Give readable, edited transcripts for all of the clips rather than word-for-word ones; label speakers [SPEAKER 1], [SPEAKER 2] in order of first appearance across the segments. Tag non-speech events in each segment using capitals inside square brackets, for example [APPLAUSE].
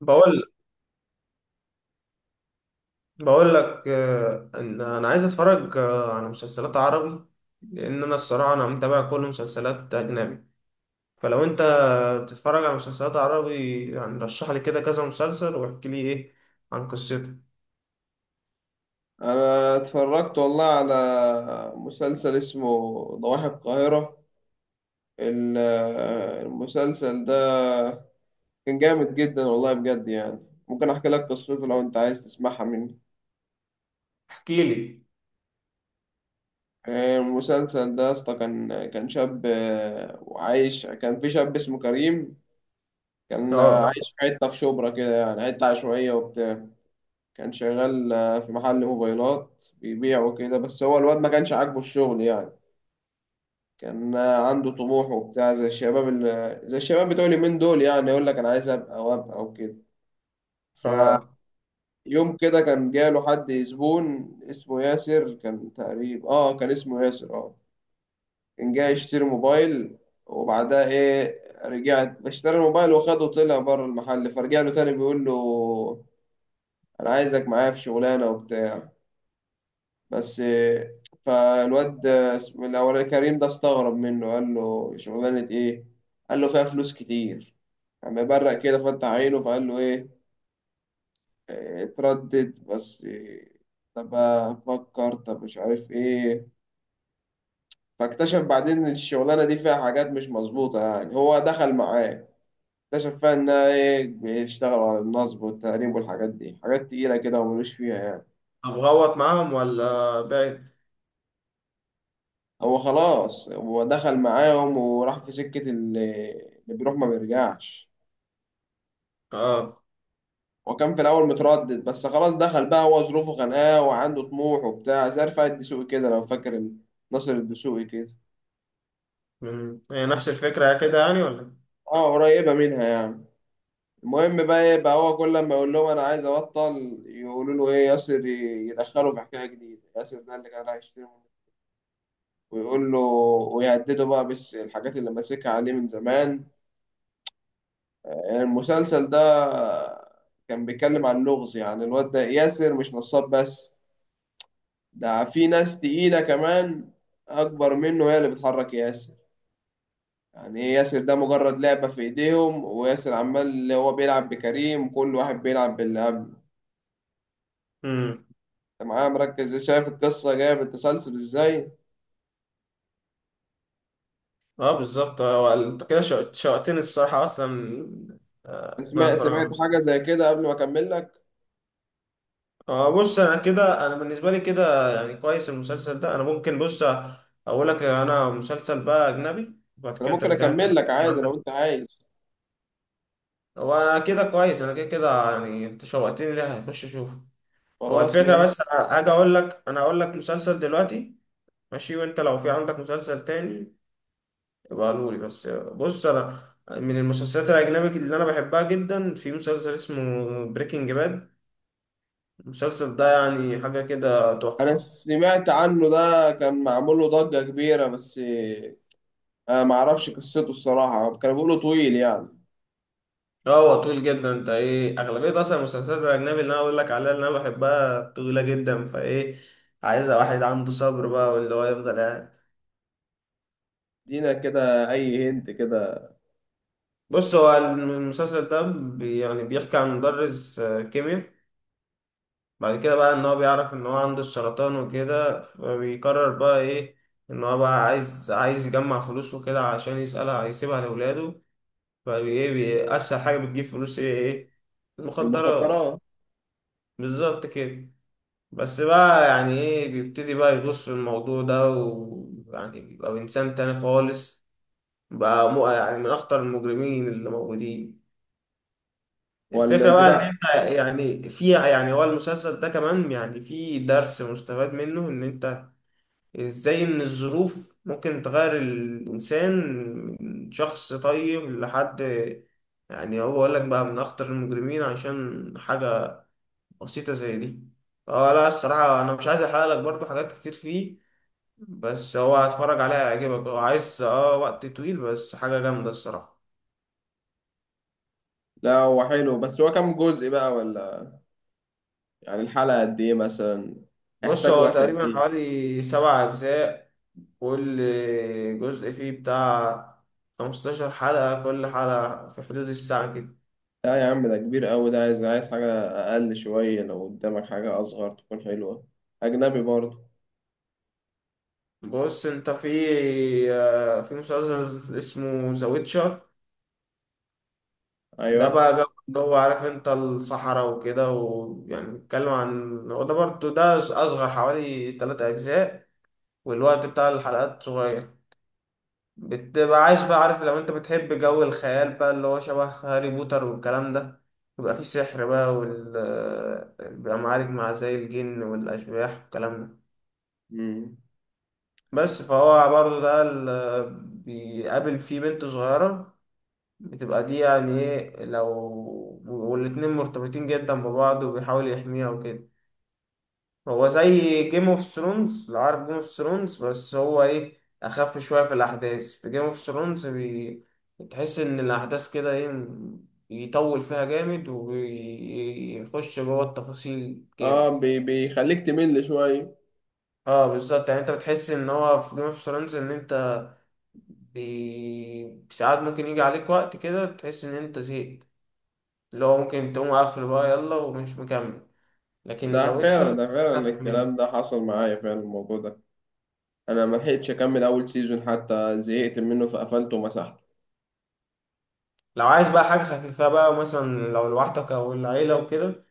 [SPEAKER 1] بقول بقول لك، ان انا عايز اتفرج، على مسلسلات عربي. لان انا الصراحه انا متابع كل مسلسلات اجنبي. فلو انت بتتفرج على مسلسلات عربي، يعني رشح لي كده كذا مسلسل واحكي لي ايه عن قصته.
[SPEAKER 2] انا اتفرجت والله على مسلسل اسمه ضواحي القاهرة. ال- المسلسل ده كان جامد جدا والله بجد يعني. ممكن احكي لك قصته لو انت عايز تسمعها مني.
[SPEAKER 1] احكي لي.
[SPEAKER 2] المسلسل ده يا اسطى كان شاب وعايش، كان في شاب اسمه كريم. كان
[SPEAKER 1] اه.
[SPEAKER 2] عايش في حتة في شبرا كده، يعني حتة عشوائية وبتاع. كان شغال في محل موبايلات، بيبيع وكده، بس هو الواد ما كانش عاجبه الشغل يعني. كان عنده طموح وبتاع زي الشباب اللي زي الشباب بتوع اليومين دول، يعني يقول لك انا عايز ابقى وابقى وكده. فيوم
[SPEAKER 1] اه.
[SPEAKER 2] كده كان جاله حد زبون اسمه ياسر، كان تقريبا اه كان اسمه ياسر اه. كان جاي يشتري موبايل. وبعدها ايه، رجعت اشترى الموبايل وخده، طلع بره المحل فرجع له تاني بيقول له انا عايزك معايا في شغلانه وبتاع بس فالواد اسمه الاولاني كريم ده استغرب منه، قال له شغلانه ايه؟ قال له فيها فلوس كتير. قام مبرق كده فتح عينه فقال له ايه، اتردد بس طب افكر طب مش عارف ايه. فاكتشف بعدين ان الشغلانه دي فيها حاجات مش مظبوطه يعني، هو دخل معاه اكتشف فيها انها ايه، بيشتغلوا على النصب والتهريب والحاجات دي، حاجات تقيله كده وملوش فيها يعني.
[SPEAKER 1] ابغوط معاهم ولا بعد.
[SPEAKER 2] هو خلاص هو دخل معاهم وراح في سكه اللي بيروح ما بيرجعش.
[SPEAKER 1] اه.
[SPEAKER 2] هو كان في الاول متردد بس خلاص دخل بقى، هو ظروفه خانقاه وعنده طموح وبتاع زي رفاعي الدسوقي كده لو فاكر، ناصر الدسوقي كده.
[SPEAKER 1] هي نفس الفكره كده يعني ولا.
[SPEAKER 2] اه قريبه منها يعني. المهم بقى ايه بقى، هو كل لما يقول لهم انا عايز ابطل يقولوا له ايه، ياسر يدخله في حكايه جديده. ياسر ده اللي كان هيشتمه ويقول له ويهدده بقى بس الحاجات اللي ماسكها عليه من زمان. المسلسل ده كان بيتكلم عن اللغز، يعني الواد ده ياسر مش نصاب بس، ده في ناس تقيلة كمان أكبر منه هي اللي بتحرك ياسر. يعني إيه، ياسر ده مجرد لعبة في إيديهم، وياسر عمال اللي هو بيلعب بكريم، كل واحد بيلعب باللي قبله.
[SPEAKER 1] امم.
[SPEAKER 2] أنت معايا مركز إيه؟ شايف القصة جاية بالتسلسل إزاي.
[SPEAKER 1] اه، بالظبط. انت كده شوقتني الصراحه اصلا، ان انا
[SPEAKER 2] سمعت
[SPEAKER 1] اتفرج
[SPEAKER 2] سمعت
[SPEAKER 1] على
[SPEAKER 2] حاجة
[SPEAKER 1] مسلسل.
[SPEAKER 2] زي كده قبل ما أكمل لك.
[SPEAKER 1] اه، بص. انا كده، انا بالنسبه لي كده يعني كويس المسلسل ده، انا ممكن. بص اقول لك، انا مسلسل بقى اجنبي وبعد
[SPEAKER 2] أنا
[SPEAKER 1] كده
[SPEAKER 2] ممكن
[SPEAKER 1] ترجع انت
[SPEAKER 2] أكمل لك
[SPEAKER 1] تحكي
[SPEAKER 2] عادي لو
[SPEAKER 1] عندك.
[SPEAKER 2] أنت عايز.
[SPEAKER 1] هو كده كويس، انا كده يعني انت شوقتني، ليه هخش اشوفه. هو
[SPEAKER 2] خلاص
[SPEAKER 1] الفكره
[SPEAKER 2] ماشي.
[SPEAKER 1] بس. أنا هاجي اقول لك، مسلسل دلوقتي. ماشي. وانت لو في عندك مسلسل تاني يبقى قولولي. بس بص، انا من المسلسلات الاجنبي اللي انا بحبها جدا في مسلسل اسمه بريكنج باد. المسلسل ده يعني حاجه كده
[SPEAKER 2] أنا
[SPEAKER 1] تحفه.
[SPEAKER 2] سمعت عنه، ده كان معمول له ضجة كبيرة بس أنا معرفش قصته الصراحة، كانوا بيقولوا طويل يعني.
[SPEAKER 1] اه، هو طويل جدا. انت ايه، اغلبيه اصلا المسلسلات الاجنبي اللي انا بقول لك عليها اللي انا بحبها طويله جدا، فايه عايزه واحد عنده صبر بقى واللي هو يفضل قاعد.
[SPEAKER 2] دينا كده أي هنت كده.
[SPEAKER 1] بص هو المسلسل ده يعني بيحكي عن مدرس كيمياء. بعد كده بقى ان هو بيعرف ان هو عنده السرطان وكده، فبيقرر بقى ايه؟ ان هو بقى عايز يجمع فلوس وكده عشان يسألها هيسيبها لاولاده. فايه، اسهل حاجه بتجيب فلوس ايه؟ ايه؟ المخدرات.
[SPEAKER 2] المخدرات.
[SPEAKER 1] بالظبط كده. بس بقى يعني ايه، بيبتدي بقى يغوص في الموضوع ده ويعني بيبقى انسان تاني خالص، بقى مو يعني من اخطر المجرمين اللي موجودين.
[SPEAKER 2] ولا
[SPEAKER 1] الفكرة بقى ان
[SPEAKER 2] البتاع.
[SPEAKER 1] انت يعني فيها، يعني هو المسلسل ده كمان يعني فيه درس مستفاد منه، ان انت ازاي ان الظروف ممكن تغير الانسان من شخص طيب لحد يعني هو بقول لك بقى من اخطر المجرمين عشان حاجة بسيطة زي دي. اه لا، الصراحة انا مش عايز احرق لك برضو حاجات كتير فيه، بس هو هتفرج عليها هيعجبك. هو عايز اه وقت طويل بس حاجة جامدة الصراحة.
[SPEAKER 2] لا هو حلو، بس هو كام جزء بقى ولا، يعني الحلقة قد ايه مثلا،
[SPEAKER 1] بص
[SPEAKER 2] يحتاج
[SPEAKER 1] هو
[SPEAKER 2] وقت قد
[SPEAKER 1] تقريبا
[SPEAKER 2] ايه.
[SPEAKER 1] حوالي 7 أجزاء، كل جزء فيه بتاع 15 حلقة، كل حلقة في حدود الساعة كده.
[SPEAKER 2] لا يا عم ده كبير قوي، ده عايز عايز حاجة أقل شوية، لو قدامك حاجة أصغر تكون حلوة أجنبي برضه.
[SPEAKER 1] بص انت في في مسلسل اسمه ذا ويتشر. ده
[SPEAKER 2] أيوه.
[SPEAKER 1] بقى جو اللي هو عارف انت الصحراء وكده، ويعني بيتكلم عن هو ده برضه، ده أصغر، حوالي 3 أجزاء والوقت بتاع الحلقات صغير. بتبقى عايش بقى عارف، لو انت بتحب جو الخيال بقى اللي هو شبه هاري بوتر والكلام ده، يبقى فيه سحر بقى بيبقى معارك مع زي الجن والأشباح والكلام ده.
[SPEAKER 2] مم.
[SPEAKER 1] بس فهو برضه ده بيقابل فيه بنت صغيرة، بتبقى دي يعني ايه لو، والاتنين مرتبطين جدا ببعض وبيحاول يحميها وكده. هو زي جيم اوف ثرونز، لو عارف جيم اوف ثرونز، بس هو ايه اخف شويه في الاحداث. في جيم اوف ثرونز تحس ان الاحداث كده ايه، يطول فيها جامد ويخش جوه التفاصيل جامد.
[SPEAKER 2] اه بي بيخليك تمل شوية.
[SPEAKER 1] اه بالظبط، يعني انت بتحس ان هو في جيم اوف ثرونز ان انت ساعات ممكن يجي عليك وقت كده تحس ان انت زهقت، اللي هو ممكن تقوم قافل بقى يلا ومش مكمل. لكن ذا
[SPEAKER 2] ده فعلا
[SPEAKER 1] ويتشر
[SPEAKER 2] ده فعلا
[SPEAKER 1] اخف منه.
[SPEAKER 2] الكلام ده حصل معايا فعلا الموضوع ده. أنا ملحقتش أكمل أول سيزون حتى، زهقت منه فقفلته ومسحته.
[SPEAKER 1] لو عايز بقى حاجة خفيفة بقى، مثلا لو لوحدك أو العيلة وكده،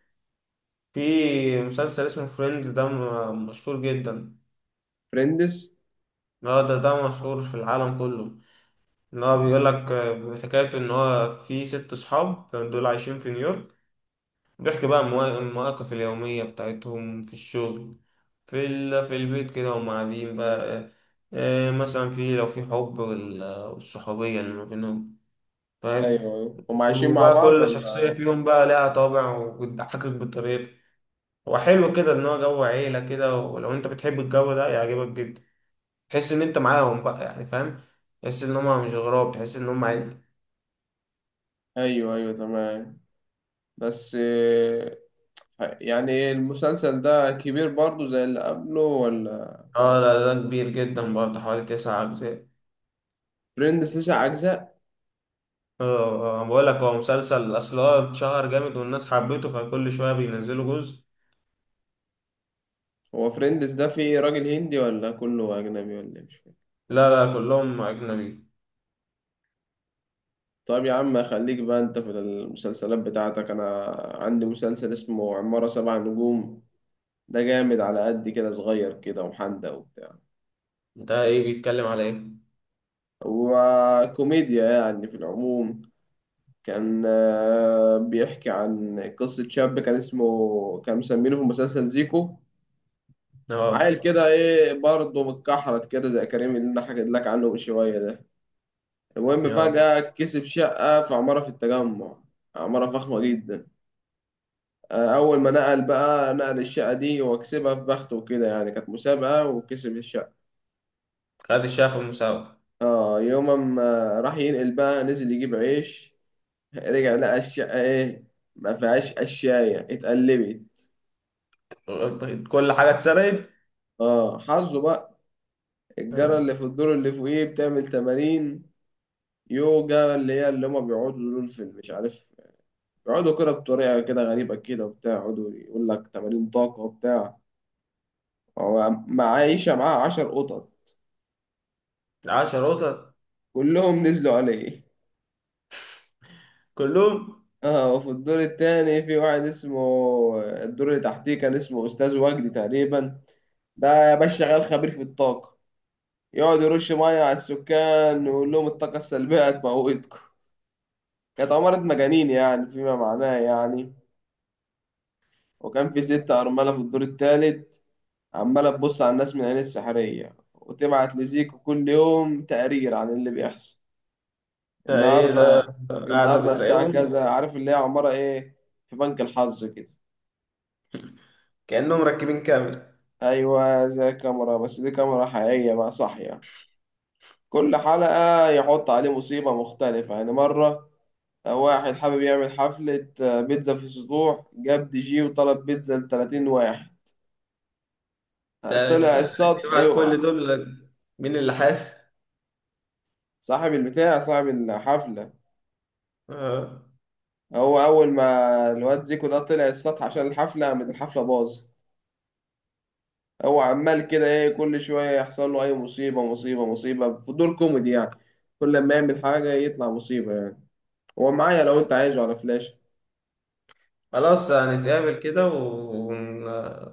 [SPEAKER 1] في مسلسل اسمه فريندز. ده مشهور جدا،
[SPEAKER 2] فريندز.
[SPEAKER 1] هو ده مشهور في العالم كله. إن هو بيقول لك حكايته إن هو في 6 صحاب دول عايشين في نيويورك، بيحكي بقى المواقف اليومية بتاعتهم في الشغل، في في البيت كده وهم قاعدين بقى، مثلا في لو في حب والصحوبية اللي ما بينهم،
[SPEAKER 2] أيوه
[SPEAKER 1] فاهم.
[SPEAKER 2] أيوه هم عايشين مع
[SPEAKER 1] وبقى
[SPEAKER 2] بعض
[SPEAKER 1] كل شخصية
[SPEAKER 2] ولا.
[SPEAKER 1] فيهم بقى لها طابع وبتضحكك بطريقتها. هو حلو كده ان هو جو عيله كده، ولو انت بتحب الجو ده يعجبك جدا، تحس ان انت معاهم بقى يعني، فاهم. تحس ان هم مش غراب، تحس ان هم عيلة.
[SPEAKER 2] أيوه أيوه تمام. بس يعني المسلسل ده كبير برضه زي اللي قبله ولا.
[SPEAKER 1] اه لا، ده كبير جدا برضه، حوالي 9 اجزاء.
[SPEAKER 2] فريندز تسع أجزاء.
[SPEAKER 1] اه. بقول لك، هو مسلسل اصل هو اتشهر جامد والناس حبته، فكل شويه بينزلوا جزء.
[SPEAKER 2] هو فريندز ده فيه راجل هندي ولا كله أجنبي ولا إيه؟ مش فاهم.
[SPEAKER 1] لا لا، كلهم اجنبي.
[SPEAKER 2] طيب يا عم خليك بقى أنت في المسلسلات بتاعتك. أنا عندي مسلسل اسمه عمارة سبع نجوم. ده جامد على قد كده، صغير كده وحندق وبتاع
[SPEAKER 1] ده ايه بيتكلم على ايه؟
[SPEAKER 2] وكوميديا يعني في العموم. كان بيحكي عن قصة شاب، كان اسمه، كان مسمينه في المسلسل زيكو. عيل
[SPEAKER 1] اه.
[SPEAKER 2] كده ايه برضه متكحرت كده زي كريم اللي انا حكيت لك عنه من شويه ده. المهم
[SPEAKER 1] اه.
[SPEAKER 2] فجأة كسب شقة في عمارة في التجمع، عمارة فخمة جدا. أول ما نقل بقى، نقل الشقة دي وكسبها في بخته وكده، يعني كانت مسابقة وكسب الشقة.
[SPEAKER 1] خد الشاف المساواه.
[SPEAKER 2] اه يوم ما راح ينقل بقى، نزل يجيب عيش [LAUGHS] رجع لقى الشقة ايه، ما فيهاش قشاية، اتقلبت.
[SPEAKER 1] كل حاجه اتسرقت.
[SPEAKER 2] اه حظه بقى. الجارة
[SPEAKER 1] آه،
[SPEAKER 2] اللي في الدور اللي فوقيه بتعمل تمارين يوجا، اللي هي اللي هما بيقعدوا دول في مش عارف، يقعدوا كده بطريقة كده غريبة كده وبتاع، يقعدوا يقول لك تمارين طاقة وبتاع. هو معايشة معاه 10 قطط،
[SPEAKER 1] 10 قطط.
[SPEAKER 2] كلهم نزلوا عليه
[SPEAKER 1] كلهم.
[SPEAKER 2] [LAUGHS] اه وفي الدور التاني في واحد اسمه، الدور اللي تحتيه كان اسمه أستاذ وجدي تقريبا. ده يا باشا شغال خبير في الطاقة، يقعد يرش مية على السكان ويقول لهم الطاقة السلبية هتموتكم. كانت عمارة مجانين يعني، فيما معناه يعني. وكان في ست أرملة في الدور التالت، عمالة تبص على الناس من عين السحرية وتبعت لزيكو كل يوم تقرير عن اللي بيحصل.
[SPEAKER 1] ده ايه ده؟
[SPEAKER 2] النهاردة
[SPEAKER 1] قاعدة
[SPEAKER 2] النهاردة الساعة
[SPEAKER 1] بتراقبهم.
[SPEAKER 2] كذا، عارف اللي هي عمارة إيه، في بنك الحظ كده.
[SPEAKER 1] كأنهم مركبين كامل.
[SPEAKER 2] أيوة زي كاميرا، بس دي كاميرا حقيقية بقى صاحية. كل حلقة يحط عليه مصيبة مختلفة، يعني مرة واحد حابب يعمل حفلة بيتزا في سطوح، جاب دي جي وطلب بيتزا لـ30 واحد،
[SPEAKER 1] تلات
[SPEAKER 2] طلع
[SPEAKER 1] تلات؟
[SPEAKER 2] السطح
[SPEAKER 1] بعد كل
[SPEAKER 2] يقع.
[SPEAKER 1] دول لك؟ مين اللي حاس؟
[SPEAKER 2] صاحب البتاع صاحب الحفلة.
[SPEAKER 1] آه.
[SPEAKER 2] هو اول ما الواد زيكو ده طلع السطح عشان الحفله، قامت الحفله باظ. هو عمال كده ايه كل شويه يحصل له اي مصيبه مصيبه مصيبه في دور كوميدي يعني. كل لما يعمل حاجه يطلع مصيبه يعني. هو معايا لو انت عايزه على فلاش.
[SPEAKER 1] خلاص، هنتقابل كده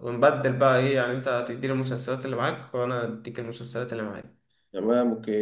[SPEAKER 1] ونبدل بقى ايه، يعني انت هتديني المسلسلات اللي معاك وانا اديك المسلسلات اللي معايا.
[SPEAKER 2] تمام اوكي.